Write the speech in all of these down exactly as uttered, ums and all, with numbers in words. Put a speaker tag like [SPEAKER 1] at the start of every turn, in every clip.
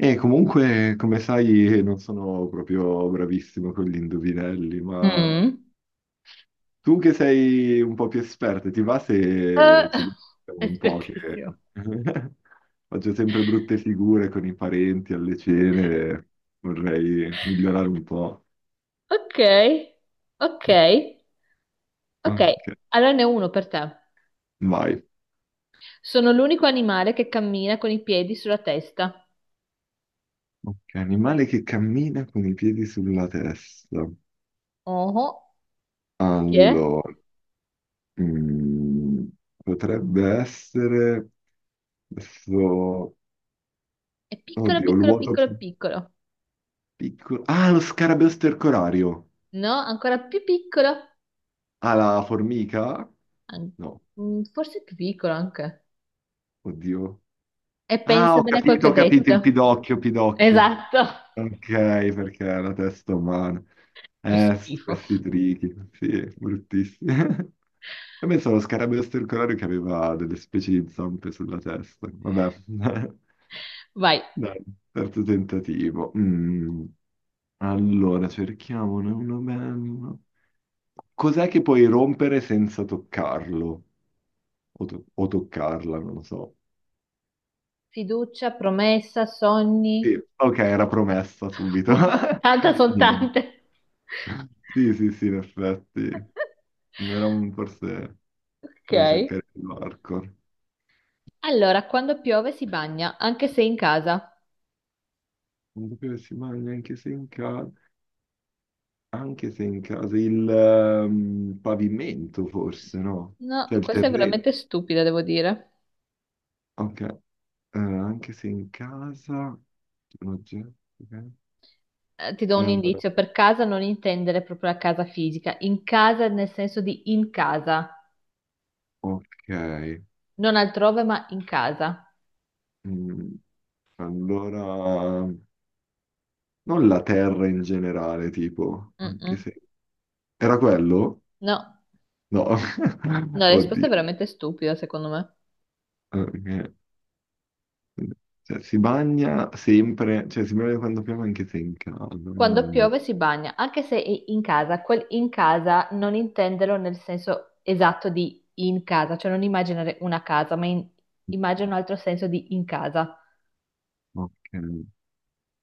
[SPEAKER 1] E comunque, come sai, non sono proprio bravissimo con gli indovinelli, ma
[SPEAKER 2] Mm.
[SPEAKER 1] tu che sei un po' più esperta, ti va se ci
[SPEAKER 2] Eh,
[SPEAKER 1] dico un po' che
[SPEAKER 2] espertissimo.
[SPEAKER 1] faccio sempre brutte figure con i parenti alle cene, vorrei migliorare un po'.
[SPEAKER 2] Ok, ok, ok.
[SPEAKER 1] Ok,
[SPEAKER 2] Allora ne ho uno per te.
[SPEAKER 1] vai.
[SPEAKER 2] Sono l'unico animale che cammina con i piedi sulla testa.
[SPEAKER 1] Ok, animale che cammina con i piedi sulla testa.
[SPEAKER 2] Oh, chi è?
[SPEAKER 1] Allora, mm, potrebbe essere... adesso.
[SPEAKER 2] È piccolo,
[SPEAKER 1] Oddio,
[SPEAKER 2] piccolo,
[SPEAKER 1] l'uoto
[SPEAKER 2] piccolo,
[SPEAKER 1] più
[SPEAKER 2] piccolo.
[SPEAKER 1] piccolo. Ah, lo scarabeo stercorario.
[SPEAKER 2] No, ancora più piccolo.
[SPEAKER 1] Ah, la formica?
[SPEAKER 2] An-
[SPEAKER 1] No,
[SPEAKER 2] mm, Forse più piccolo anche.
[SPEAKER 1] oddio.
[SPEAKER 2] E
[SPEAKER 1] Ah, ho
[SPEAKER 2] pensa bene a quel che
[SPEAKER 1] capito, ho
[SPEAKER 2] ho
[SPEAKER 1] capito,
[SPEAKER 2] detto.
[SPEAKER 1] il pidocchio, pidocchio.
[SPEAKER 2] Esatto.
[SPEAKER 1] Ok, perché è la testa umana.
[SPEAKER 2] Che
[SPEAKER 1] Eh, s-
[SPEAKER 2] schifo.
[SPEAKER 1] questi trichi, sì, bruttissimi. E penso allo scarabeo stercorario che aveva delle specie di zampe sulla testa. Vabbè,
[SPEAKER 2] Vai.
[SPEAKER 1] dai, terzo tentativo. Mm. Allora, cerchiamone uno bello. Cos'è che puoi rompere senza toccarlo? O, to- o toccarla, non lo so.
[SPEAKER 2] Fiducia, promessa, sogni.
[SPEAKER 1] Sì, ok, era promessa subito.
[SPEAKER 2] Tanta sono
[SPEAKER 1] Niente.
[SPEAKER 2] tante.
[SPEAKER 1] Sì, sì, sì, in effetti. Era un forse...
[SPEAKER 2] Ok.
[SPEAKER 1] Devo cercare il marco.
[SPEAKER 2] Allora, quando piove si bagna, anche se in casa.
[SPEAKER 1] Non sapevo che si mangia anche se in casa... Anche se in casa... Il ehm, pavimento, forse, no?
[SPEAKER 2] No,
[SPEAKER 1] Cioè il
[SPEAKER 2] questa è
[SPEAKER 1] terreno.
[SPEAKER 2] veramente stupida, devo dire.
[SPEAKER 1] Ok. Eh, anche se in casa... Un oggetto, ok.
[SPEAKER 2] Eh, ti do un
[SPEAKER 1] Eh,
[SPEAKER 2] indizio, per casa non intendere proprio la casa fisica, in casa nel senso di in casa,
[SPEAKER 1] ok.
[SPEAKER 2] non altrove ma in casa.
[SPEAKER 1] Mm, allora non la terra in generale, tipo, anche
[SPEAKER 2] Mm-mm.
[SPEAKER 1] se era quello?
[SPEAKER 2] No,
[SPEAKER 1] No,
[SPEAKER 2] no, la risposta è
[SPEAKER 1] oddio.
[SPEAKER 2] veramente stupida, secondo me.
[SPEAKER 1] Ok. Cioè, si bagna sempre, cioè si bagna quando piove anche se è in casa.
[SPEAKER 2] Quando
[SPEAKER 1] Mm,
[SPEAKER 2] piove si bagna, anche se è in casa, quel in casa non intenderlo nel senso esatto di in casa, cioè non immaginare una casa, ma in- immagina un altro senso di in casa.
[SPEAKER 1] ok.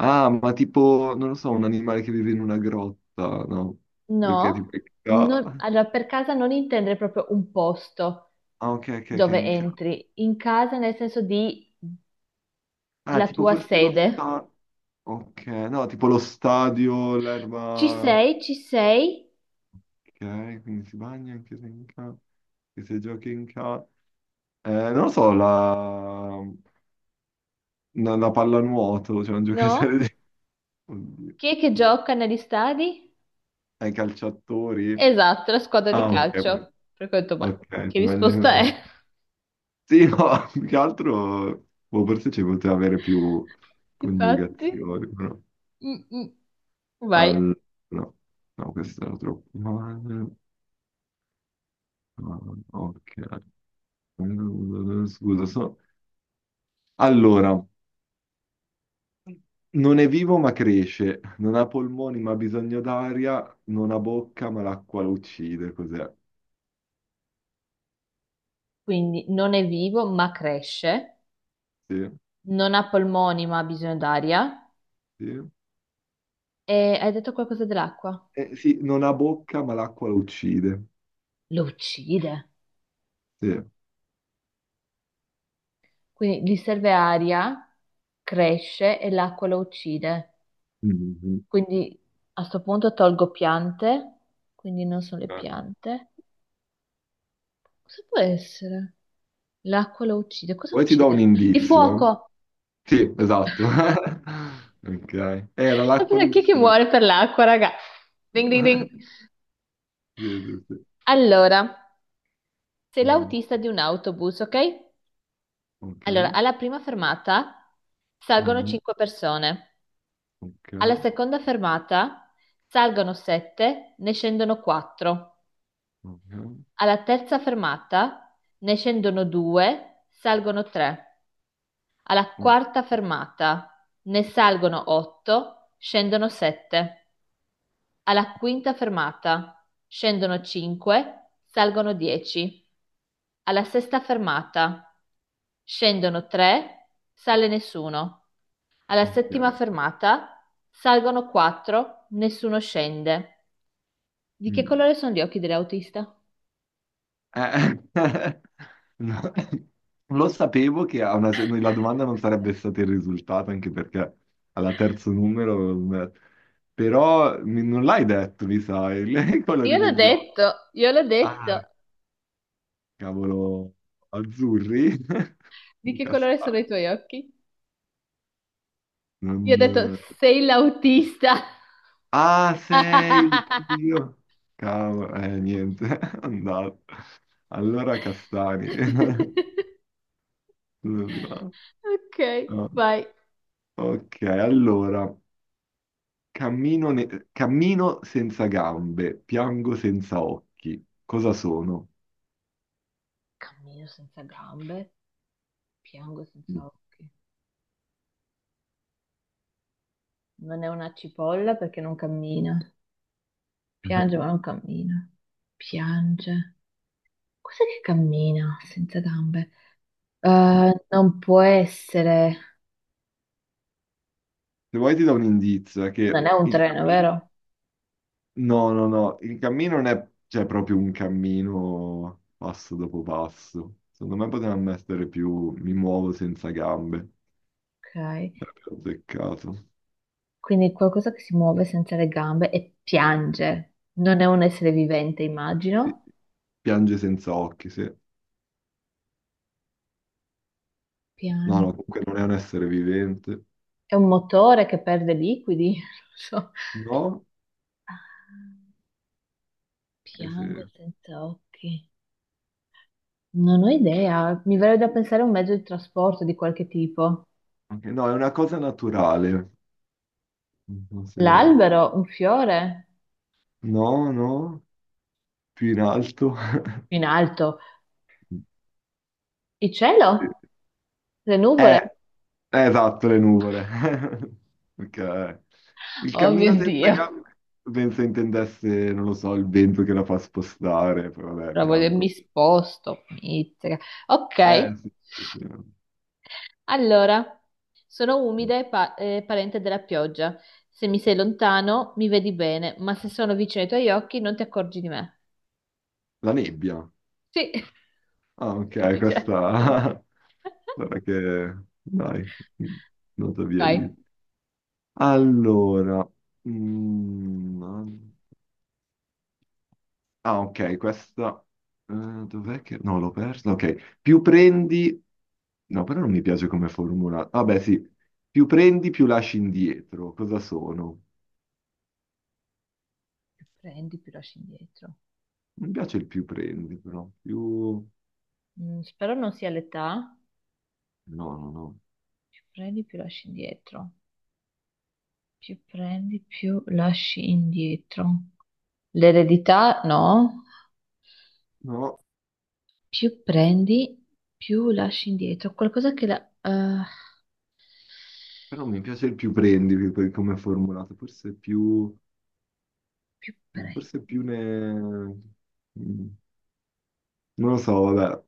[SPEAKER 1] Ah, ma tipo, non lo so, un animale che vive in una grotta, no? Perché
[SPEAKER 2] No,
[SPEAKER 1] tipo è in ca-.
[SPEAKER 2] non- allora per casa non intendere proprio un posto
[SPEAKER 1] Ah, ok, ok, ok,
[SPEAKER 2] dove
[SPEAKER 1] in ca-.
[SPEAKER 2] entri, in casa nel senso di
[SPEAKER 1] Ah,
[SPEAKER 2] la
[SPEAKER 1] tipo
[SPEAKER 2] tua
[SPEAKER 1] forse lo
[SPEAKER 2] sede.
[SPEAKER 1] sta... Ok, no, tipo lo stadio,
[SPEAKER 2] Ci
[SPEAKER 1] l'erba...
[SPEAKER 2] sei, ci sei,
[SPEAKER 1] Ok, quindi si bagna anche se in casa, anche se giochi in casa. Non lo so, la, la, la pallanuoto, cioè un
[SPEAKER 2] no?
[SPEAKER 1] giocatore di... Oddio.
[SPEAKER 2] Chi è che gioca negli stadi?
[SPEAKER 1] Ai calciatori?
[SPEAKER 2] Esatto, la squadra di
[SPEAKER 1] Ah, ok, proprio-,
[SPEAKER 2] calcio. Per cui ho detto, ma
[SPEAKER 1] ok,
[SPEAKER 2] che
[SPEAKER 1] si bagna
[SPEAKER 2] risposta è?
[SPEAKER 1] con-. Sì, no, più che altro, boh, forse ci poteva avere più
[SPEAKER 2] Infatti,
[SPEAKER 1] coniugazioni, però...
[SPEAKER 2] mm, mm, vai.
[SPEAKER 1] Al... No, no, questo era troppo male. Ah, ok. Scusa, so... Allora... Non è vivo ma cresce, non ha polmoni ma ha bisogno d'aria, non ha bocca ma l'acqua lo uccide, cos'è?
[SPEAKER 2] Quindi non è vivo, ma cresce,
[SPEAKER 1] Sì,
[SPEAKER 2] non ha polmoni, ma ha bisogno d'aria.
[SPEAKER 1] sì.
[SPEAKER 2] E hai detto qualcosa dell'acqua?
[SPEAKER 1] Eh, sì, non ha bocca ma l'acqua lo uccide.
[SPEAKER 2] Lo uccide.
[SPEAKER 1] Sì.
[SPEAKER 2] Quindi gli serve aria, cresce e l'acqua lo uccide.
[SPEAKER 1] Mhm.
[SPEAKER 2] Quindi a sto punto tolgo piante, quindi non sono le
[SPEAKER 1] Eh.
[SPEAKER 2] piante. Cosa può essere? L'acqua lo uccide. Cosa
[SPEAKER 1] Poi ti do un
[SPEAKER 2] uccide? Il
[SPEAKER 1] indizio, eh.
[SPEAKER 2] fuoco!
[SPEAKER 1] Sì, esatto. Ok. Era l'acqua lo
[SPEAKER 2] Chi è che
[SPEAKER 1] uccide.
[SPEAKER 2] muore per l'acqua, raga? Ding ding ding.
[SPEAKER 1] Sì, sì, sì.
[SPEAKER 2] Allora, sei
[SPEAKER 1] Mm,
[SPEAKER 2] l'autista di un autobus, ok? Allora,
[SPEAKER 1] ok.
[SPEAKER 2] alla prima fermata salgono
[SPEAKER 1] Mhm.
[SPEAKER 2] cinque persone, alla
[SPEAKER 1] Ok.
[SPEAKER 2] seconda fermata salgono sette, ne scendono quattro.
[SPEAKER 1] Ok.
[SPEAKER 2] Alla terza fermata ne scendono due, salgono tre; alla
[SPEAKER 1] O-,
[SPEAKER 2] quarta fermata ne salgono otto, scendono sette; alla quinta fermata scendono cinque, salgono dieci; alla sesta fermata scendono tre, sale nessuno; alla
[SPEAKER 1] ok.
[SPEAKER 2] settima fermata salgono quattro, nessuno scende. Di che
[SPEAKER 1] Mm.
[SPEAKER 2] colore sono gli occhi dell'autista?
[SPEAKER 1] Eh, no. Lo sapevo che a una, cer- la domanda non sarebbe stata il risultato, anche perché alla terzo numero, eh, però mi- non l'hai detto, mi sa, il- i
[SPEAKER 2] Io
[SPEAKER 1] colori
[SPEAKER 2] l'ho
[SPEAKER 1] degli occhi.
[SPEAKER 2] detto, io l'ho detto.
[SPEAKER 1] Ah, cavolo, azzurri?
[SPEAKER 2] Di che colore sono i
[SPEAKER 1] Castani.
[SPEAKER 2] tuoi occhi? Io ho detto,
[SPEAKER 1] Non...
[SPEAKER 2] sei l'autista.
[SPEAKER 1] Ah, sei, oddio. Cavolo, eh, niente, è andato. Allora, castani. No,
[SPEAKER 2] Ok,
[SPEAKER 1] no.
[SPEAKER 2] vai.
[SPEAKER 1] Ok, allora. Cammino, ne- cammino senza gambe, piango senza occhi. Cosa sono?
[SPEAKER 2] Cammino senza gambe, piango
[SPEAKER 1] Mm.
[SPEAKER 2] senza occhi. Non è una cipolla perché non cammina. Piange ma non cammina. Piange. Cos'è che cammina senza gambe? Eh, non può essere.
[SPEAKER 1] Se vuoi ti do un indizio, è
[SPEAKER 2] Non
[SPEAKER 1] che
[SPEAKER 2] è un
[SPEAKER 1] il
[SPEAKER 2] treno,
[SPEAKER 1] cammino...
[SPEAKER 2] vero?
[SPEAKER 1] No, no, no, il cammino non è, cioè, proprio un cammino passo dopo passo. Secondo me potevano essere più mi muovo senza gambe.
[SPEAKER 2] Ok.
[SPEAKER 1] Sarebbe azzeccato.
[SPEAKER 2] Quindi qualcosa che si muove senza le gambe e piange. Non è un essere vivente,
[SPEAKER 1] Sì,
[SPEAKER 2] immagino.
[SPEAKER 1] piange senza occhi, sì. No,
[SPEAKER 2] Piange.
[SPEAKER 1] no, comunque non è un essere vivente.
[SPEAKER 2] È un motore che perde liquidi. Non so.
[SPEAKER 1] No?
[SPEAKER 2] Ah,
[SPEAKER 1] Che
[SPEAKER 2] piange
[SPEAKER 1] se-
[SPEAKER 2] senza occhi. Non ho idea. Mi verrebbe da pensare a un mezzo di trasporto di qualche tipo.
[SPEAKER 1] ok, no, è una cosa naturale. Non so se-.
[SPEAKER 2] L'albero, un fiore
[SPEAKER 1] No, no, più in alto.
[SPEAKER 2] in alto. Il cielo, le
[SPEAKER 1] Eh,
[SPEAKER 2] nuvole.
[SPEAKER 1] eh, esatto, le nuvole. Ok. Il
[SPEAKER 2] Oh mio
[SPEAKER 1] cammino senza
[SPEAKER 2] Dio.
[SPEAKER 1] gambe, penso intendesse, non lo so, il vento che la fa spostare, poi vabbè,
[SPEAKER 2] Però voglio- mi
[SPEAKER 1] piango.
[SPEAKER 2] sposto. Mizzica. Ok.
[SPEAKER 1] Eh, sì, sì, sì.
[SPEAKER 2] Allora, sono umida e pa- eh, parente della pioggia. Se mi sei lontano, mi vedi bene, ma se sono vicino ai tuoi occhi, non ti accorgi di me.
[SPEAKER 1] La nebbia.
[SPEAKER 2] Sì,
[SPEAKER 1] Ah, ok,
[SPEAKER 2] semplice.
[SPEAKER 1] questa... Guarda che... Dai, nota via
[SPEAKER 2] Vai.
[SPEAKER 1] io. Allora... mm, ah, ok, questa... eh, dov'è che... No, l'ho persa. Ok, più prendi... No, però non mi piace come formula. Vabbè, sì. Più prendi, più lasci indietro. Cosa sono?
[SPEAKER 2] Più prendi, più lasci indietro.
[SPEAKER 1] Mi piace il più prendi, però. Più...
[SPEAKER 2] Mm, spero non sia l'età.
[SPEAKER 1] No, no, no.
[SPEAKER 2] Più prendi, più lasci indietro. Più prendi, più lasci indietro. L'eredità, no.
[SPEAKER 1] No,
[SPEAKER 2] Più prendi, più lasci indietro. Qualcosa che la... eh,
[SPEAKER 1] però mi piace il più prendi, più-, per come è formulato. Forse più...
[SPEAKER 2] più prendi.
[SPEAKER 1] Forse più ne... Mm, non lo so, vabbè.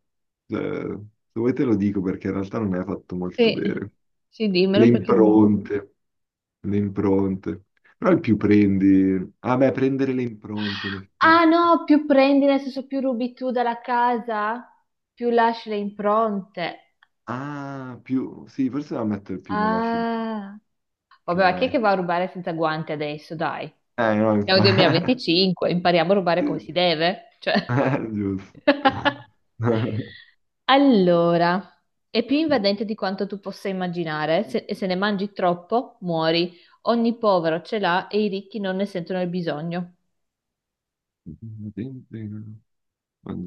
[SPEAKER 1] Eh, se vuoi te lo dico, perché in realtà non è fatto molto
[SPEAKER 2] Sì,
[SPEAKER 1] bene.
[SPEAKER 2] sì,
[SPEAKER 1] Le
[SPEAKER 2] dimmelo perché...
[SPEAKER 1] impronte, le impronte. Però il più prendi... Ah beh, prendere le impronte, in effetti.
[SPEAKER 2] Ah no, più prendi, nel senso più rubi tu dalla casa, più lasci le impronte.
[SPEAKER 1] Ah, più... Sì, forse la metto più nella C D.
[SPEAKER 2] Ah, vabbè, ma chi è
[SPEAKER 1] Ok.
[SPEAKER 2] che va a rubare senza guanti adesso? Dai,
[SPEAKER 1] Eh, no,
[SPEAKER 2] siamo nel
[SPEAKER 1] infatti...
[SPEAKER 2] duemilaventicinque, impariamo a rubare
[SPEAKER 1] Sì.
[SPEAKER 2] come si deve. Cioè...
[SPEAKER 1] Eh, giusto.
[SPEAKER 2] Allora, è più invadente di quanto tu possa immaginare se- e se ne mangi troppo, muori. Ogni povero ce l'ha e i ricchi non ne sentono il bisogno.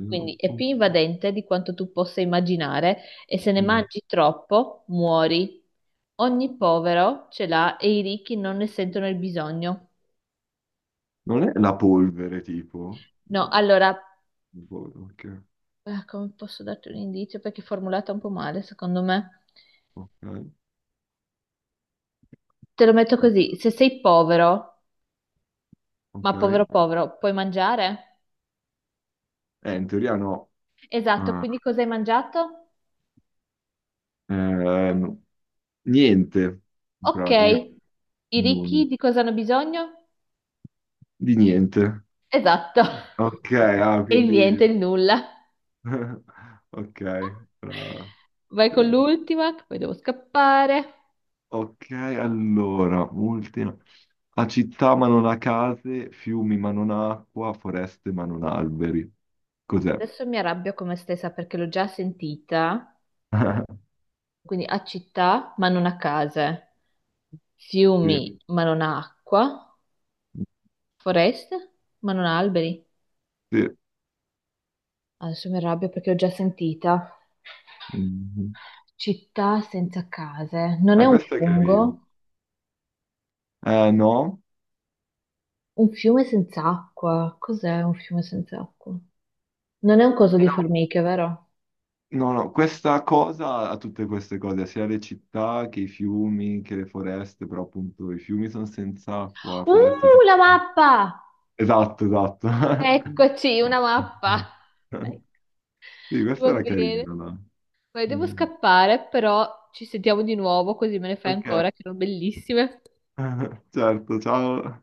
[SPEAKER 2] Quindi è più invadente di quanto tu possa immaginare e se ne mangi troppo muori. Ogni povero ce l'ha e i ricchi non ne sentono il bisogno.
[SPEAKER 1] Non è la polvere, tipo?
[SPEAKER 2] No,
[SPEAKER 1] No,
[SPEAKER 2] allora,
[SPEAKER 1] non polvere, ok.
[SPEAKER 2] eh, come posso darti un indizio? Perché è formulata un po' male, secondo me.
[SPEAKER 1] Ok.
[SPEAKER 2] Te lo metto così, se sei povero,
[SPEAKER 1] Ok.
[SPEAKER 2] ma povero povero, puoi mangiare?
[SPEAKER 1] Eh, in teoria no.
[SPEAKER 2] Esatto,
[SPEAKER 1] Ah,
[SPEAKER 2] quindi cosa hai mangiato?
[SPEAKER 1] ehm, niente, in
[SPEAKER 2] Ok,
[SPEAKER 1] pratica.
[SPEAKER 2] i
[SPEAKER 1] Non...
[SPEAKER 2] ricchi di cosa hanno bisogno?
[SPEAKER 1] Di niente.
[SPEAKER 2] Esatto,
[SPEAKER 1] Ok, ah,
[SPEAKER 2] e il
[SPEAKER 1] quindi...
[SPEAKER 2] niente, il nulla.
[SPEAKER 1] Ok, brava.
[SPEAKER 2] Vai con l'ultima, che poi devo scappare.
[SPEAKER 1] Ok, allora, ultima. Ha città ma non ha case, fiumi ma non ha acqua, foreste ma non ha alberi. Cos'è?
[SPEAKER 2] Adesso mi arrabbio con me stessa perché l'ho già sentita. Quindi a città, ma non a case.
[SPEAKER 1] Sì,
[SPEAKER 2] Fiumi, ma non a acqua. Foreste, ma non ha alberi.
[SPEAKER 1] sì.
[SPEAKER 2] Adesso mi arrabbio perché l'ho già sentita.
[SPEAKER 1] Mhm.
[SPEAKER 2] Città senza case. Non è
[SPEAKER 1] Ah,
[SPEAKER 2] un
[SPEAKER 1] questo è carino.
[SPEAKER 2] fungo?
[SPEAKER 1] Eh, no.
[SPEAKER 2] Un fiume senza acqua. Cos'è un fiume senza acqua? Non è un coso
[SPEAKER 1] Eh,
[SPEAKER 2] di
[SPEAKER 1] no,
[SPEAKER 2] formiche, vero?
[SPEAKER 1] no, no, questa cosa ha tutte queste cose, sia le città che i fiumi, che le foreste, però appunto i fiumi sono senza acqua, foreste
[SPEAKER 2] Uh,
[SPEAKER 1] senza...
[SPEAKER 2] la mappa!
[SPEAKER 1] Esatto, esatto.
[SPEAKER 2] Eccoci, una
[SPEAKER 1] Esatto,
[SPEAKER 2] mappa.
[SPEAKER 1] sì,
[SPEAKER 2] Ecco.
[SPEAKER 1] sì, questo
[SPEAKER 2] Va
[SPEAKER 1] era
[SPEAKER 2] bene.
[SPEAKER 1] carino, dai.
[SPEAKER 2] Poi devo
[SPEAKER 1] Mm.
[SPEAKER 2] scappare, però ci sentiamo di nuovo così me ne fai
[SPEAKER 1] Ok,
[SPEAKER 2] ancora, che erano bellissime.
[SPEAKER 1] certo, ciao.